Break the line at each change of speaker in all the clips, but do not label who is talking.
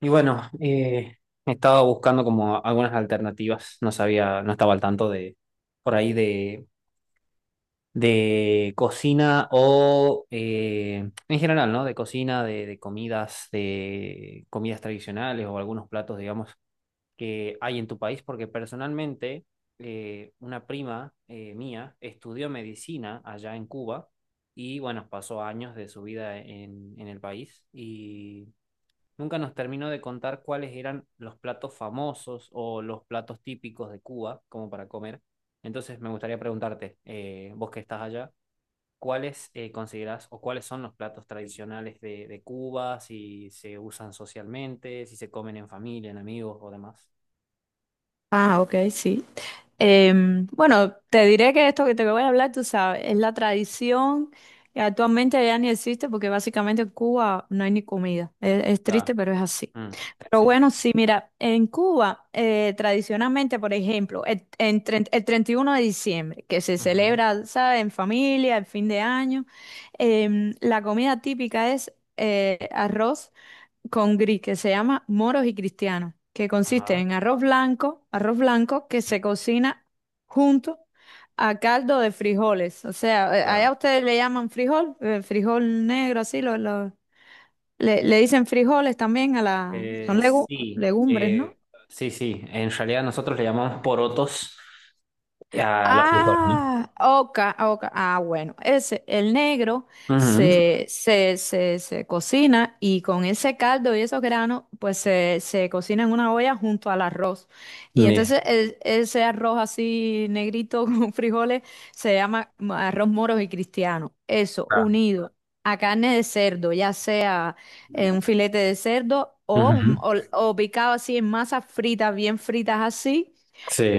Y bueno, estaba buscando como algunas alternativas. No sabía, no estaba al tanto de por ahí de cocina o en general, ¿no? De cocina, de comidas, de comidas tradicionales o algunos platos, digamos, que hay en tu país. Porque personalmente, una prima mía estudió medicina allá en Cuba y bueno, pasó años de su vida en el país y nunca nos terminó de contar cuáles eran los platos famosos o los platos típicos de Cuba, como para comer. Entonces me gustaría preguntarte, vos que estás allá, ¿cuáles considerás o cuáles son los platos tradicionales de Cuba? Si se usan socialmente, si se comen en familia, en amigos o demás.
Ah, ok, sí. Bueno, te diré que esto que te voy a hablar, tú sabes, es la tradición que actualmente ya ni existe porque básicamente en Cuba no hay ni comida. Es
Claro.
triste, pero es así.
Mm.
Pero
Sí, sí.
bueno, sí, mira, en Cuba tradicionalmente, por ejemplo, el, el 31 de diciembre, que se
Ujú.
celebra, ¿sabes?, en familia, el fin de año, la comida típica es arroz con gris que se llama moros y cristianos, que consiste
Ajá.
en arroz blanco que se cocina junto a caldo de frijoles. O sea,
Claro.
allá ustedes le llaman frijol, frijol negro, así lo, le, le dicen frijoles también a la, son
Sí,
legumbres, ¿no?
sí, sí. En realidad nosotros le llamamos porotos a los frijoles,
Ah, oca, oca. Ah, bueno, ese, el negro
¿no? Ujú.
se cocina y con ese caldo y esos granos, pues se cocina en una olla junto al arroz. Y
Bien.
entonces ese arroz así negrito con frijoles se llama arroz moros y cristiano. Eso, unido a carne de cerdo, ya sea un filete de cerdo o,
Ujú.
o o picado así en masas fritas, bien fritas así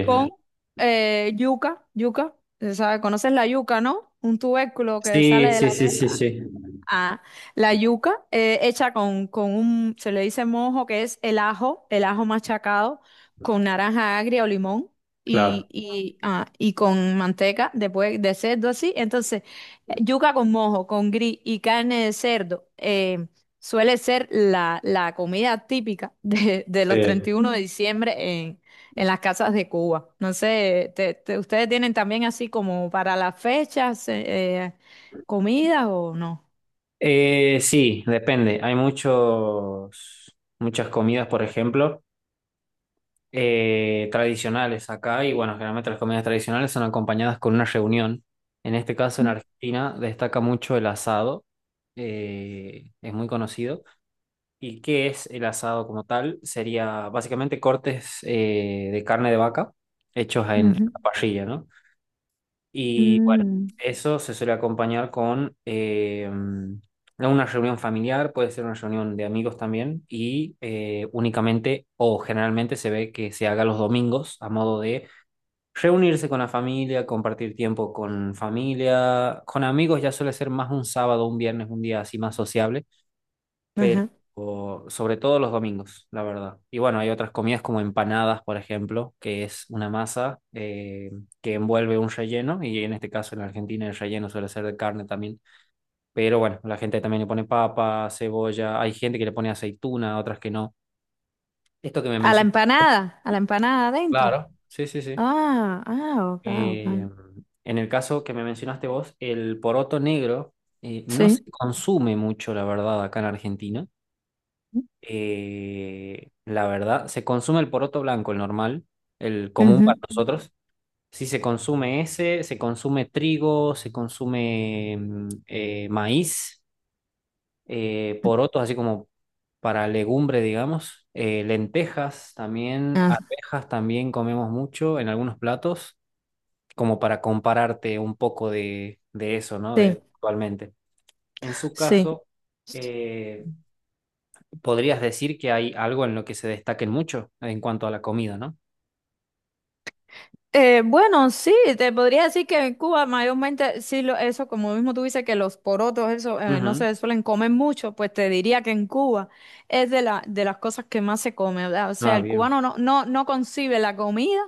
con yuca, se sabe, conoces la yuca, ¿no? Un tubérculo que sale
Sí,
de
sí,
la,
sí, sí, sí.
Ah, la yuca hecha con un, se le dice mojo, que es el ajo machacado con naranja agria o limón
Claro.
y, y con manteca después de cerdo así. Entonces, yuca con mojo, con gris y carne de cerdo suele ser la, la comida típica de los
Sí.
31 de diciembre en, en las casas de Cuba. No sé, ¿ustedes tienen también así como para las fechas comidas o no?
Sí, depende. Hay muchas comidas, por ejemplo, tradicionales acá, y bueno, generalmente las comidas tradicionales son acompañadas con una reunión. En este caso, en
Mm,
Argentina, destaca mucho el asado, es muy conocido. ¿Y qué es el asado como tal? Sería básicamente cortes de carne de vaca hechos en
ujú.
la parrilla, ¿no? Y bueno,
Mm,
eso se suele acompañar con una reunión familiar, puede ser una reunión de amigos también, y únicamente o generalmente se ve que se haga los domingos a modo de reunirse con la familia, compartir tiempo con familia, con amigos ya suele ser más un sábado, un viernes, un día así más sociable, pero
ajá.
sobre todo los domingos, la verdad. Y bueno, hay otras comidas como empanadas, por ejemplo, que es una masa que envuelve un relleno, y en este caso en Argentina el relleno suele ser de carne también. Pero bueno, la gente también le pone papa, cebolla, hay gente que le pone aceituna, otras que no. Esto que me mencionaste.
A la empanada adentro.
Claro, sí, sí, sí.
Ah, ah, ok,
Eh,
ok.
en el caso que me mencionaste vos, el poroto negro no se
Sí.
consume mucho, la verdad, acá en Argentina. La verdad, se consume el poroto blanco, el normal, el común
Ujú.
para nosotros. Sí, se consume ese, se consume trigo, se consume maíz, porotos así como para legumbre, digamos, lentejas también,
Ah,
arvejas también comemos mucho en algunos platos, como para compararte un poco de eso, ¿no?
sí,
De, actualmente. En su
sí.
caso, eh, podrías decir que hay algo en lo que se destaquen mucho en cuanto a la comida, ¿no?
Bueno, sí, te podría decir que en Cuba mayormente, sí, lo, eso, como mismo tú dices que los porotos, eso, no
Ujú.
se suelen comer mucho, pues te diría que en Cuba es de la, de las cosas que más se come, ¿verdad? O sea,
Ah,
el
bien.
cubano no concibe la comida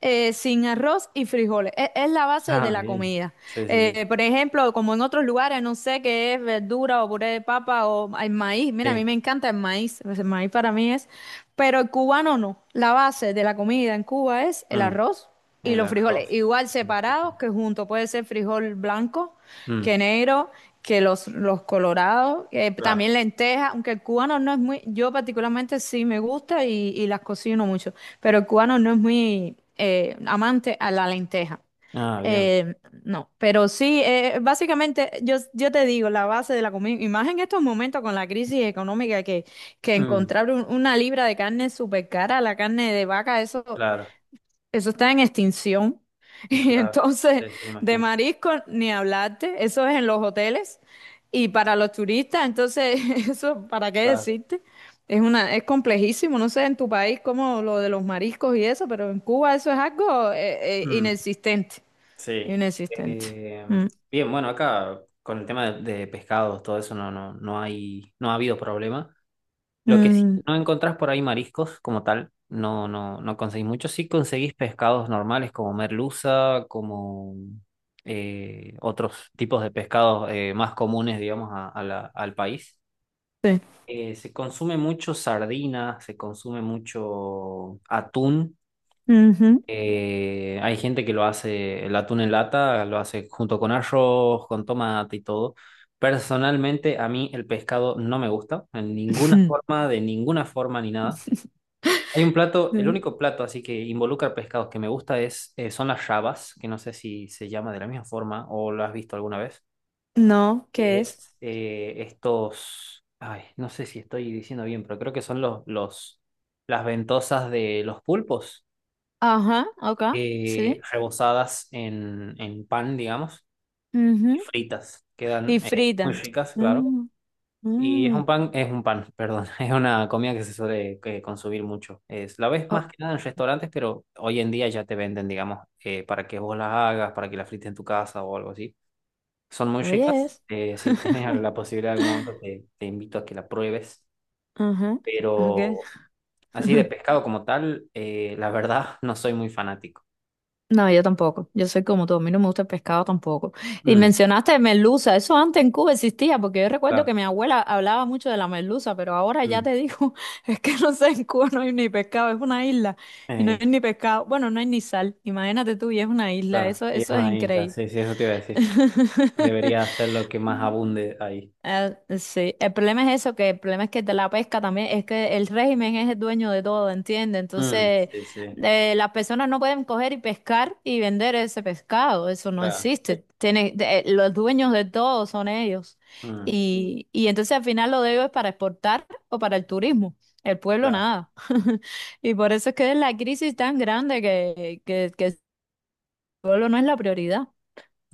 sin arroz y frijoles, es la base de
Ah,
la
bien.
comida.
Sí, sí, sí.
Por ejemplo, como en otros lugares, no sé qué es verdura o puré de papa o el maíz, mira, a mí
Sí.
me encanta el maíz, pues el maíz para mí es pero el cubano no. La base de la comida en Cuba es el
Mm.
arroz y
El
los frijoles,
arroz.
igual
Y el
separados que juntos. Puede ser frijol blanco,
Mm.
que negro, que los colorados,
Claro.
también lentejas, aunque el cubano no es muy, yo particularmente sí me gusta y las cocino mucho, pero el cubano no es muy amante a la lenteja.
Ah, bien.
Eh, no, pero sí, básicamente yo, yo te digo, la base de la comida, y más en estos momentos con la crisis económica que
Mm.
encontrar una libra de carne súper cara, la carne de vaca, eso,
Claro.
eso está en extinción. Y
Claro.
entonces,
Sí, sí,
de
imagino.
marisco, ni hablarte, eso es en los hoteles. Y para los turistas, entonces, eso, ¿para qué
Claro.
decirte? Es una, es complejísimo, no sé en tu país como lo de los mariscos y eso, pero en Cuba eso es algo
Mm.
inexistente,
Sí.
inexistente.
Eh,
Mm,
Bien, bueno, acá con el tema de pescados, todo eso no, no, no hay, no ha habido problema. Lo que sí,
mm,
no encontrás por ahí mariscos como tal, no, no, no conseguís mucho. Sí conseguís pescados normales como merluza, como otros tipos de pescados más comunes, digamos, al país.
sí.
Se consume mucho sardina, se consume mucho atún.
Ujú.
Hay gente que lo hace, el atún en lata, lo hace junto con arroz, con tomate y todo. Personalmente, a mí el pescado no me gusta, en ninguna forma, de ninguna forma ni nada. Hay un plato, el
Sí.
único plato así que involucra pescados que me gusta son las rabas, que no sé si se llama de la misma forma o lo has visto alguna vez.
No, ¿qué es?
Es estos, ay, no sé si estoy diciendo bien, pero creo que son las ventosas de los pulpos,
Ajá, acá, sí.
rebozadas en pan, digamos, y
Ujú.
fritas. Quedan
Y
muy
frita.
ricas, claro.
Mm,
Y
mm.
perdón, es una comida que se suele consumir mucho. Es, la ves
O-
más que nada en restaurantes, pero hoy en día ya te venden, digamos, para que vos las hagas, para que las frites en tu casa o algo así. Son muy
Oye,
ricas.
es.
Si tienes la posibilidad en algún momento, te invito a que la pruebes.
Ajá. Okay.
Pero así de pescado como tal, la verdad, no soy muy fanático.
No, yo tampoco. Yo soy como tú. A mí no me gusta el pescado tampoco. Y
Mm,
mencionaste merluza. Eso antes en Cuba existía, porque yo recuerdo
claro,
que mi abuela hablaba mucho de la merluza, pero ahora ya
mm,
te digo, es que no sé, en Cuba no hay ni pescado, es una isla y no
eh,
hay ni pescado. Bueno, no hay ni sal. Imagínate tú, y es una isla.
claro,
Eso,
y es
eso es
una isla,
increíble.
sí, sí, eso te iba a decir. Debería ser lo que más abunde ahí.
Ah, sí, el problema es eso, que el problema es que de la pesca también, es que el régimen es el dueño de todo, ¿entiendes?
Mm,
Entonces,
sí, sí.
las personas no pueden coger y pescar y vender ese pescado, eso no
Claro.
existe. Tiene, los dueños de todo son ellos.
Mm,
Y entonces al final lo de ellos es para exportar o para el turismo. El pueblo
claro.
nada. Y por eso es que es la crisis tan grande que el pueblo no es la prioridad.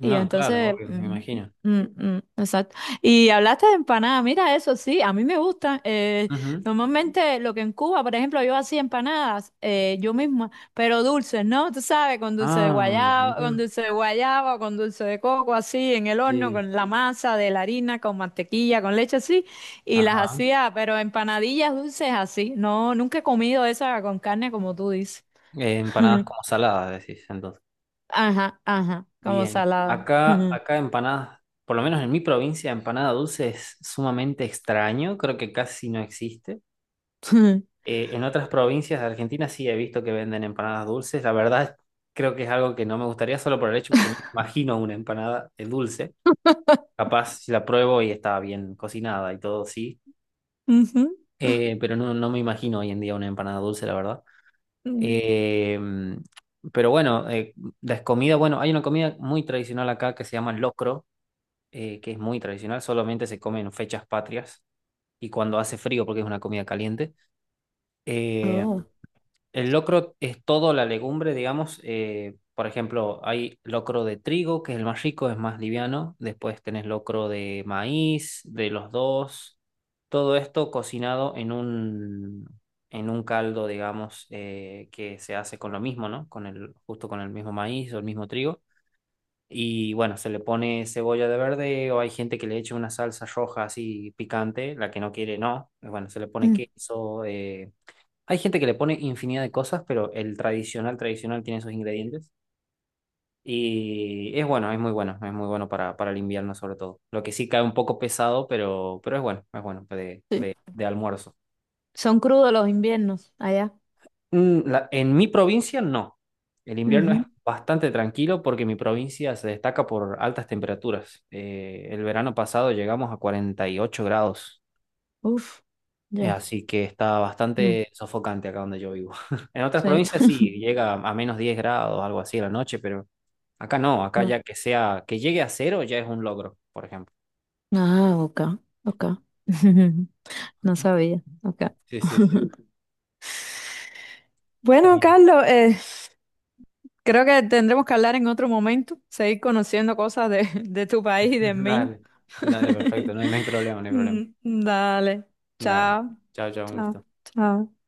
Y
claro,
entonces,
obvio, me imagino.
exacto. Y hablaste de empanadas, mira eso, sí, a mí me gustan.
Ujú.
Normalmente lo que en Cuba, por ejemplo, yo hacía empanadas yo misma, pero dulces, ¿no? Tú sabes, con dulce de
Ah,
guayaba, con
mira.
dulce de guayaba, con dulce de coco, así, en el horno,
Sí.
con la masa de la harina, con mantequilla, con leche, así. Y las
Ajá.
hacía, pero empanadillas dulces así. No, nunca he comido esa con carne como tú dices.
Empanadas como saladas, decís, entonces.
Ajá, ajá, como
Bien.
salada.
Acá, empanadas, por lo menos en mi provincia, empanada dulce es sumamente extraño, creo que casi no existe. En otras provincias de Argentina sí he visto que venden empanadas dulces. La verdad, creo que es algo que no me gustaría solo por el hecho que no me imagino una empanada dulce. Capaz si la pruebo y está bien cocinada y todo, sí.
Ujú.
Pero no, no me imagino hoy en día una empanada dulce, la verdad.
Mm.
Eh, pero bueno, las comidas, bueno, hay una comida muy tradicional acá que se llama locro, que es muy tradicional, solamente se come en fechas patrias y cuando hace frío porque es una comida caliente. Eh,
Oh,
el locro es toda la legumbre, digamos. Por ejemplo, hay locro de trigo, que es el más rico, es más liviano. Después tenés locro de maíz, de los dos. Todo esto cocinado en un, caldo, digamos, que se hace con lo mismo, ¿no? Con el, justo con el mismo maíz o el mismo trigo. Y bueno, se le pone cebolla de verde o hay gente que le echa una salsa roja así picante, la que no quiere, no. Bueno, se le pone
mm,
queso. Hay gente que le pone infinidad de cosas, pero el tradicional, tradicional tiene esos ingredientes. Y es bueno, es muy bueno, es muy bueno para el invierno sobre todo. Lo que sí cae un poco pesado, pero es bueno de,
sí.
de almuerzo.
Son crudos los inviernos allá.
Mm, en mi provincia no. El invierno es
Ujú.
bastante tranquilo porque mi provincia se destaca por altas temperaturas. El verano pasado llegamos a 48 grados,
Uf, ya.
así que está
Mm,
bastante sofocante acá donde yo vivo. En otras
sí.
provincias sí, llega a menos 10 grados, algo así a la noche, pero acá no, acá
Oh.
ya que sea, que llegue a cero ya es un logro, por ejemplo.
Ah, ok, ok. No sabía. Ok.
Sí, sí, sí.
Bueno,
Bien.
Carlos, creo que tendremos que hablar en otro momento, seguir conociendo cosas de, de tu país y del mío.
Dale, dale, perfecto, no, no hay problema, no hay problema.
Mm, dale.
Dale,
Chao,
chao, chao, un
chao,
gusto.
chao.